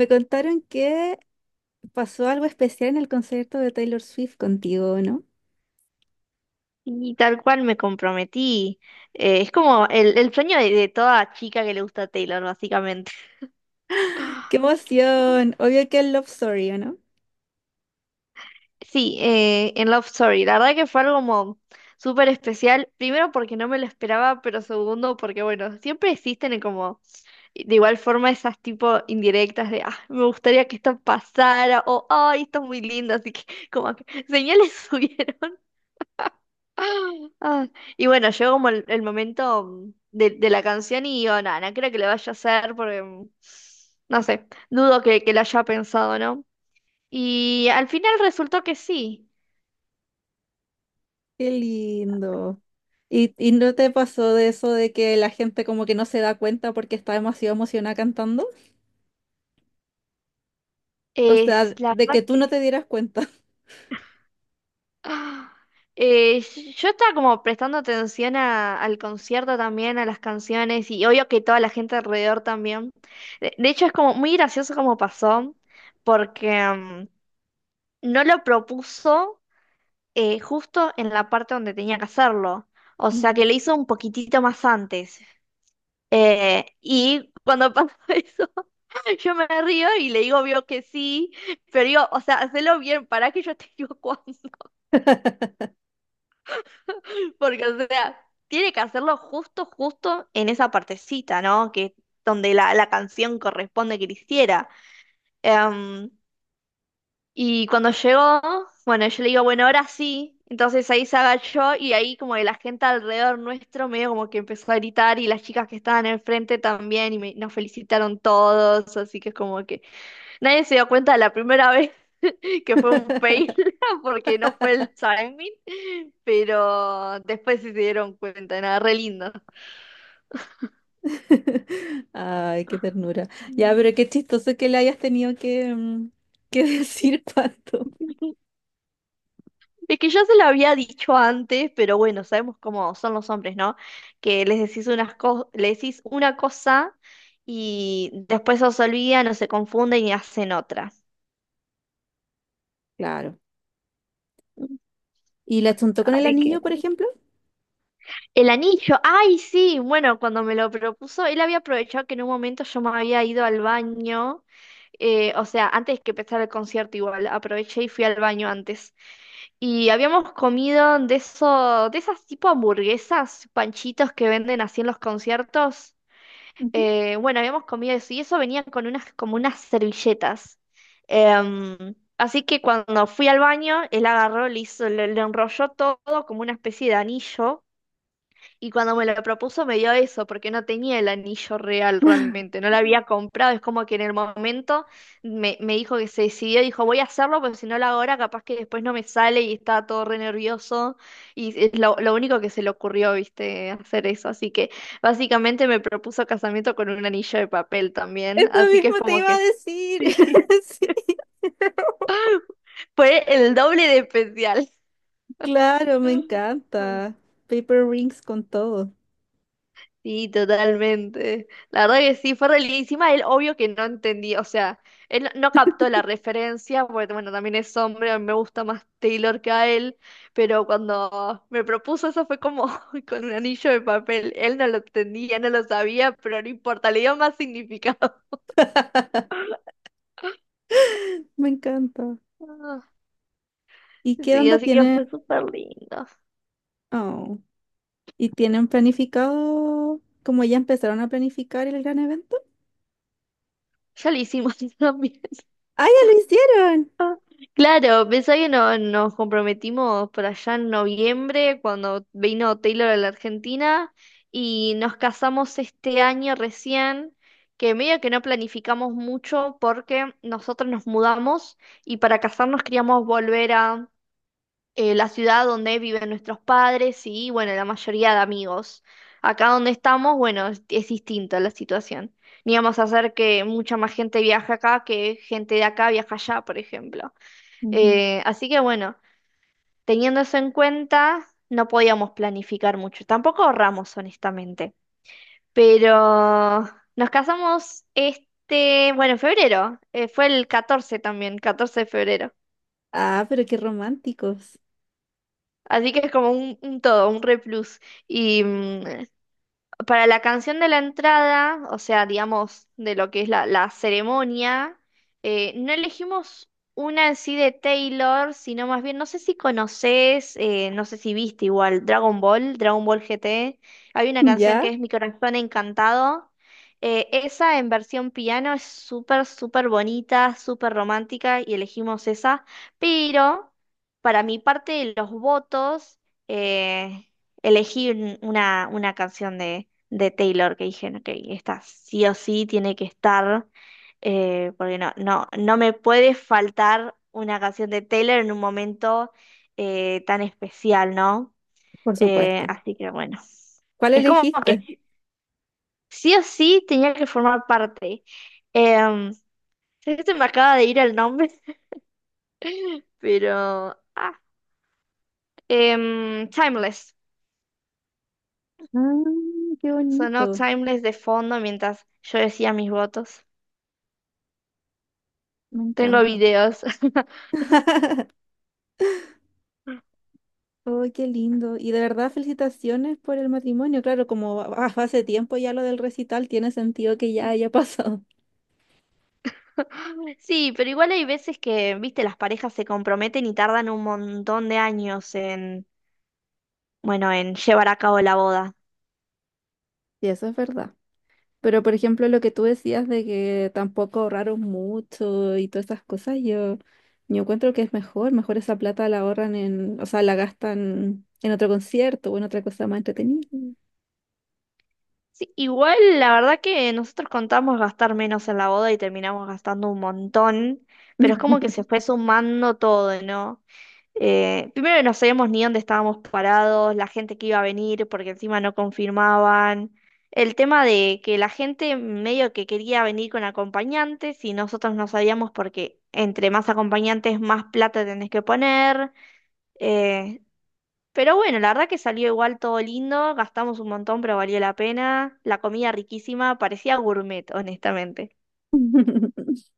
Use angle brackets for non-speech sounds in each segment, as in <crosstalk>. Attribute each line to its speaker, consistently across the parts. Speaker 1: Me contaron que pasó algo especial en el concierto de Taylor Swift contigo, ¿no?
Speaker 2: Y tal cual me comprometí. Es como el sueño de toda chica que le gusta Taylor, básicamente.
Speaker 1: ¡Qué emoción! Obvio que es Love Story, ¿o no?
Speaker 2: Sí, en Love Story. La verdad que fue algo como súper especial. Primero porque no me lo esperaba, pero segundo porque, bueno, siempre existen como de igual forma esas tipo indirectas de, ah, me gustaría que esto pasara o, ay, esto es muy lindo, así que como que señales <laughs> subieron. Ah, y bueno, llegó como el momento de la canción y yo, nada, no creo que lo vaya a hacer porque, no sé, dudo que lo haya pensado, ¿no? Y al final resultó que sí.
Speaker 1: ¡Qué lindo! ¿Y no te pasó de eso de que la gente como que no se da cuenta porque está demasiado emocionada cantando? O
Speaker 2: Es
Speaker 1: sea,
Speaker 2: la
Speaker 1: de que
Speaker 2: verdad
Speaker 1: tú no
Speaker 2: que...
Speaker 1: te dieras cuenta.
Speaker 2: ah, eh, yo estaba como prestando atención al concierto también, a las canciones y obvio que toda la gente alrededor también. De hecho, es como muy gracioso como pasó porque no lo propuso, justo en la parte donde tenía que hacerlo. O sea que
Speaker 1: Ujú.
Speaker 2: lo hizo un poquitito más antes. Y cuando pasa <laughs> eso, yo me río y le digo, vio que sí, pero digo, o sea, hacelo bien, para que yo te digo cuándo. <laughs> Porque, o sea, tiene que hacerlo justo, justo en esa partecita, ¿no? Que donde la canción corresponde que le hiciera. Em, Y cuando llegó, bueno, yo le digo, bueno, ahora sí. Entonces ahí se agachó y ahí como que la gente alrededor nuestro medio como que empezó a gritar y las chicas que estaban enfrente también y nos felicitaron todos, así que es como que nadie se dio cuenta de la primera vez <laughs> que fue un fail <laughs> porque no fue el timing, pero después sí se dieron cuenta, nada, re lindo.
Speaker 1: <laughs> Ay, qué ternura. Ya,
Speaker 2: Mm.
Speaker 1: pero qué chistoso que le hayas tenido que <laughs> decir tanto.
Speaker 2: Es que yo se lo había dicho antes, pero bueno, sabemos cómo son los hombres, ¿no? Que les decís unas le decís una cosa y después os olvidan o se confunden y hacen otra.
Speaker 1: Claro. ¿Y la chuntó con el
Speaker 2: Así que...
Speaker 1: anillo, por ejemplo?
Speaker 2: El anillo, ay, sí, bueno, cuando me lo propuso, él había aprovechado que en un momento yo me había ido al baño, o sea, antes que empezara el concierto igual, aproveché y fui al baño antes. Y habíamos comido de eso, de esas tipo hamburguesas, panchitos que venden así en los conciertos. Bueno, habíamos comido eso y eso venía con unas, como unas servilletas. Em, así que cuando fui al baño, él agarró, le hizo, le enrolló todo como una especie de anillo y cuando me lo propuso me dio eso, porque no tenía el anillo real realmente, no lo había comprado, es como que en el momento me dijo que se decidió, dijo voy a hacerlo, porque si no lo hago ahora capaz que después no me sale y estaba todo re nervioso y es lo único que se le ocurrió, viste, hacer eso, así que básicamente me propuso casamiento con un anillo de papel también,
Speaker 1: Eso
Speaker 2: así que es
Speaker 1: mismo te
Speaker 2: como
Speaker 1: iba a
Speaker 2: que <laughs>
Speaker 1: decir.
Speaker 2: sí,
Speaker 1: <laughs> Sí,
Speaker 2: fue el doble de especial.
Speaker 1: claro, me
Speaker 2: <laughs>
Speaker 1: encanta. Paper rings con todo.
Speaker 2: Sí, totalmente. La verdad que sí, fue re lindo. Y encima él, obvio que no entendía, o sea, él no captó la referencia, porque bueno, también es hombre, a mí me gusta más Taylor que a él, pero cuando me propuso eso fue como <laughs> con un anillo de papel. Él no lo entendía, no lo sabía, pero no importa, le dio más <laughs> significado.
Speaker 1: Me encanta.
Speaker 2: Ah,
Speaker 1: ¿Y qué
Speaker 2: Sí,
Speaker 1: onda
Speaker 2: así que fue
Speaker 1: tienen?
Speaker 2: súper lindo.
Speaker 1: Oh, ¿y tienen planificado, como ya empezaron a planificar el gran evento?
Speaker 2: Ya lo hicimos <laughs> también.
Speaker 1: ¡Ah, ya lo hicieron!
Speaker 2: Claro, pensá que nos comprometimos por allá en noviembre cuando vino Taylor a la Argentina y nos casamos este año recién, que medio que no planificamos mucho porque nosotros nos mudamos y para casarnos queríamos volver a la ciudad donde viven nuestros padres y bueno, la mayoría de amigos. Acá donde estamos, bueno, es distinta la situación. Ni vamos a hacer que mucha más gente viaje acá que gente de acá viaja allá, por ejemplo.
Speaker 1: Ujú.
Speaker 2: Así que bueno, teniendo eso en cuenta, no podíamos planificar mucho. Tampoco ahorramos, honestamente. Pero nos casamos este, bueno, en febrero. Fue el 14 también, 14 de febrero.
Speaker 1: Ah, pero qué románticos.
Speaker 2: Así que es como un todo, un replus. Y para la canción de la entrada, o sea, digamos, de lo que es la ceremonia, no elegimos una en sí de Taylor, sino más bien, no sé si conoces, no sé si viste igual, Dragon Ball, Dragon Ball GT. Hay una canción que
Speaker 1: ¿Ya?
Speaker 2: es Mi corazón encantado. Esa en versión piano es súper, súper bonita, súper romántica y elegimos esa. Pero para mi parte de los votos, eh, elegí una canción de Taylor, que dije, ok, esta sí o sí tiene que estar, porque no me puede faltar una canción de Taylor en un momento tan especial, ¿no?
Speaker 1: Por supuesto.
Speaker 2: Así que bueno,
Speaker 1: ¿Cuál
Speaker 2: es como
Speaker 1: elegiste?
Speaker 2: que sí o sí tenía que formar parte. Em, sé que se me acaba de ir el nombre, <laughs> pero... Timeless.
Speaker 1: Ah, qué
Speaker 2: Sonó
Speaker 1: bonito.
Speaker 2: Timeless de fondo mientras yo decía mis votos.
Speaker 1: Me
Speaker 2: Tengo
Speaker 1: encanta.
Speaker 2: videos.
Speaker 1: <laughs> Oh, qué lindo. Y de verdad, felicitaciones por el matrimonio. Claro, como va- va- hace tiempo ya lo del recital, tiene sentido que ya
Speaker 2: <laughs>
Speaker 1: haya <laughs> pasado.
Speaker 2: <laughs> Sí, pero igual hay veces que, viste, las parejas se comprometen y tardan un montón de años en, bueno, en llevar a cabo la boda.
Speaker 1: Sí, eso es verdad. Pero, por ejemplo, lo que tú decías de que tampoco ahorraron mucho y todas esas cosas, yo encuentro que es mejor. Mejor esa plata la ahorran en, o sea, la gastan en otro concierto o en otra cosa más entretenida.
Speaker 2: Mm. Sí, igual la verdad que nosotros contamos gastar menos en la boda y terminamos gastando un montón, pero es como que se fue sumando todo, ¿no? Primero no sabíamos ni dónde estábamos parados, la gente que iba a venir, porque encima no confirmaban. El tema de que la gente medio que quería venir con acompañantes y nosotros no sabíamos porque entre más acompañantes más plata tenés que poner. Eh, pero bueno, la verdad que salió igual todo lindo, gastamos un montón, pero valió la pena. La comida riquísima, parecía gourmet, honestamente.
Speaker 1: <laughs>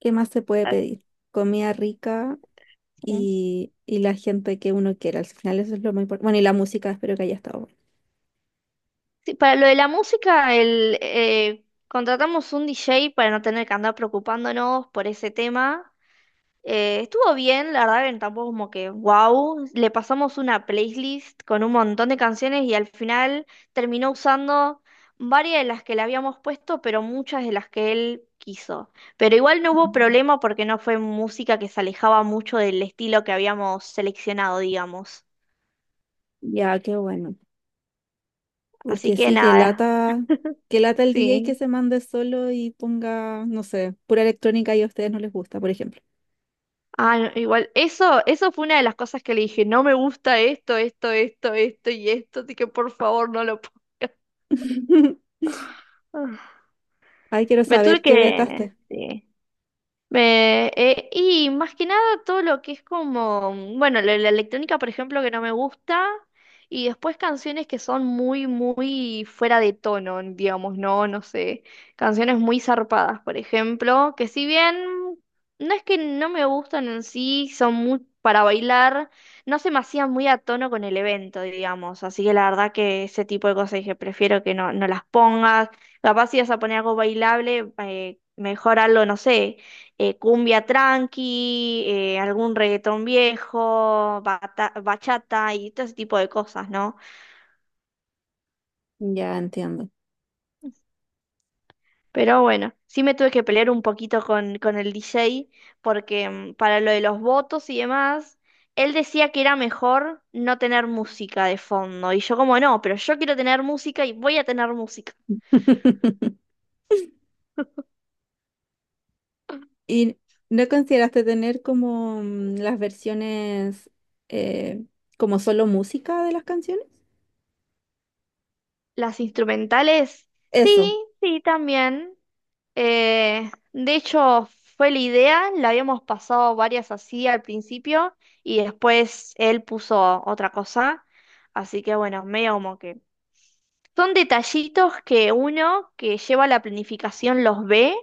Speaker 1: ¿Qué más se puede pedir? Comida rica
Speaker 2: Ah.
Speaker 1: y la gente que uno quiera. Al final eso es lo más importante. Bueno, y la música, espero que haya estado.
Speaker 2: Sí, para lo de la música, contratamos un DJ para no tener que andar preocupándonos por ese tema. Estuvo bien, la verdad que tampoco como que wow. Le pasamos una playlist con un montón de canciones y al final terminó usando varias de las que le habíamos puesto, pero muchas de las que él quiso. Pero igual no hubo problema porque no fue música que se alejaba mucho del estilo que habíamos seleccionado, digamos.
Speaker 1: Ya, qué bueno.
Speaker 2: Así
Speaker 1: Porque
Speaker 2: que
Speaker 1: sí,
Speaker 2: nada, <laughs>
Speaker 1: que lata el DJ que
Speaker 2: sí.
Speaker 1: se mande solo y ponga, no sé, pura electrónica y a ustedes no les gusta, por ejemplo.
Speaker 2: No, igual, eso fue una de las cosas que le dije, no me gusta esto, esto, esto, esto y esto, así que por favor no lo pongas.
Speaker 1: <laughs>
Speaker 2: <laughs>
Speaker 1: Ay, quiero
Speaker 2: Me tuve
Speaker 1: saber qué
Speaker 2: que...
Speaker 1: vetaste.
Speaker 2: sí. Y más que nada todo lo que es como, bueno, la electrónica, por ejemplo, que no me gusta, y después canciones que son muy, muy fuera de tono, digamos, no, no sé, canciones muy zarpadas, por ejemplo, que si bien no es que no me gustan en sí, son muy para bailar, no se me hacían muy a tono con el evento, digamos, así que la verdad que ese tipo de cosas dije, prefiero que no, no las pongas, capaz si vas a poner algo bailable, mejor algo, no sé cumbia tranqui, algún reggaetón viejo, bachata y todo ese tipo de cosas, ¿no?
Speaker 1: Ya entiendo.
Speaker 2: Pero bueno, sí me tuve que pelear un poquito con el DJ porque para lo de los votos y demás, él decía que era mejor no tener música de fondo. Y yo como no, pero yo quiero tener música y voy a tener música.
Speaker 1: <laughs> ¿Y no consideraste tener como las versiones eh, como solo música de las canciones?
Speaker 2: Las instrumentales, sí,
Speaker 1: Eso.
Speaker 2: sí, también. De hecho, fue la idea, la habíamos pasado varias así al principio y después él puso otra cosa, así que bueno, medio como que... Son detallitos que uno que lleva la planificación los ve,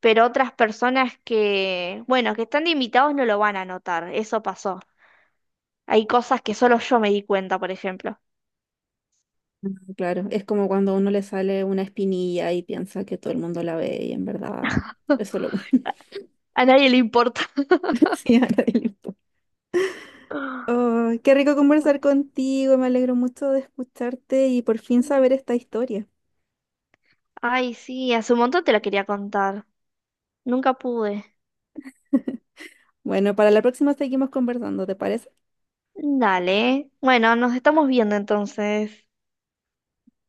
Speaker 2: pero otras personas que, bueno, que están de invitados no lo van a notar, eso pasó. Hay cosas que solo yo me di cuenta, por ejemplo.
Speaker 1: Ah, claro. Es como cuando a uno le sale una espinilla y piensa que todo el mundo la ve y en verdad es solo uno.
Speaker 2: A nadie le importa.
Speaker 1: <laughs> Sí, a nadie le importa.
Speaker 2: <gasps>
Speaker 1: Oh, qué rico conversar contigo, me alegro mucho de escucharte y por fin saber
Speaker 2: <laughs>
Speaker 1: esta historia.
Speaker 2: Ay, sí, hace un montón te lo quería contar. Nunca pude.
Speaker 1: Bueno, para la próxima seguimos conversando, ¿te parece?
Speaker 2: Dale. Bueno, nos estamos viendo entonces.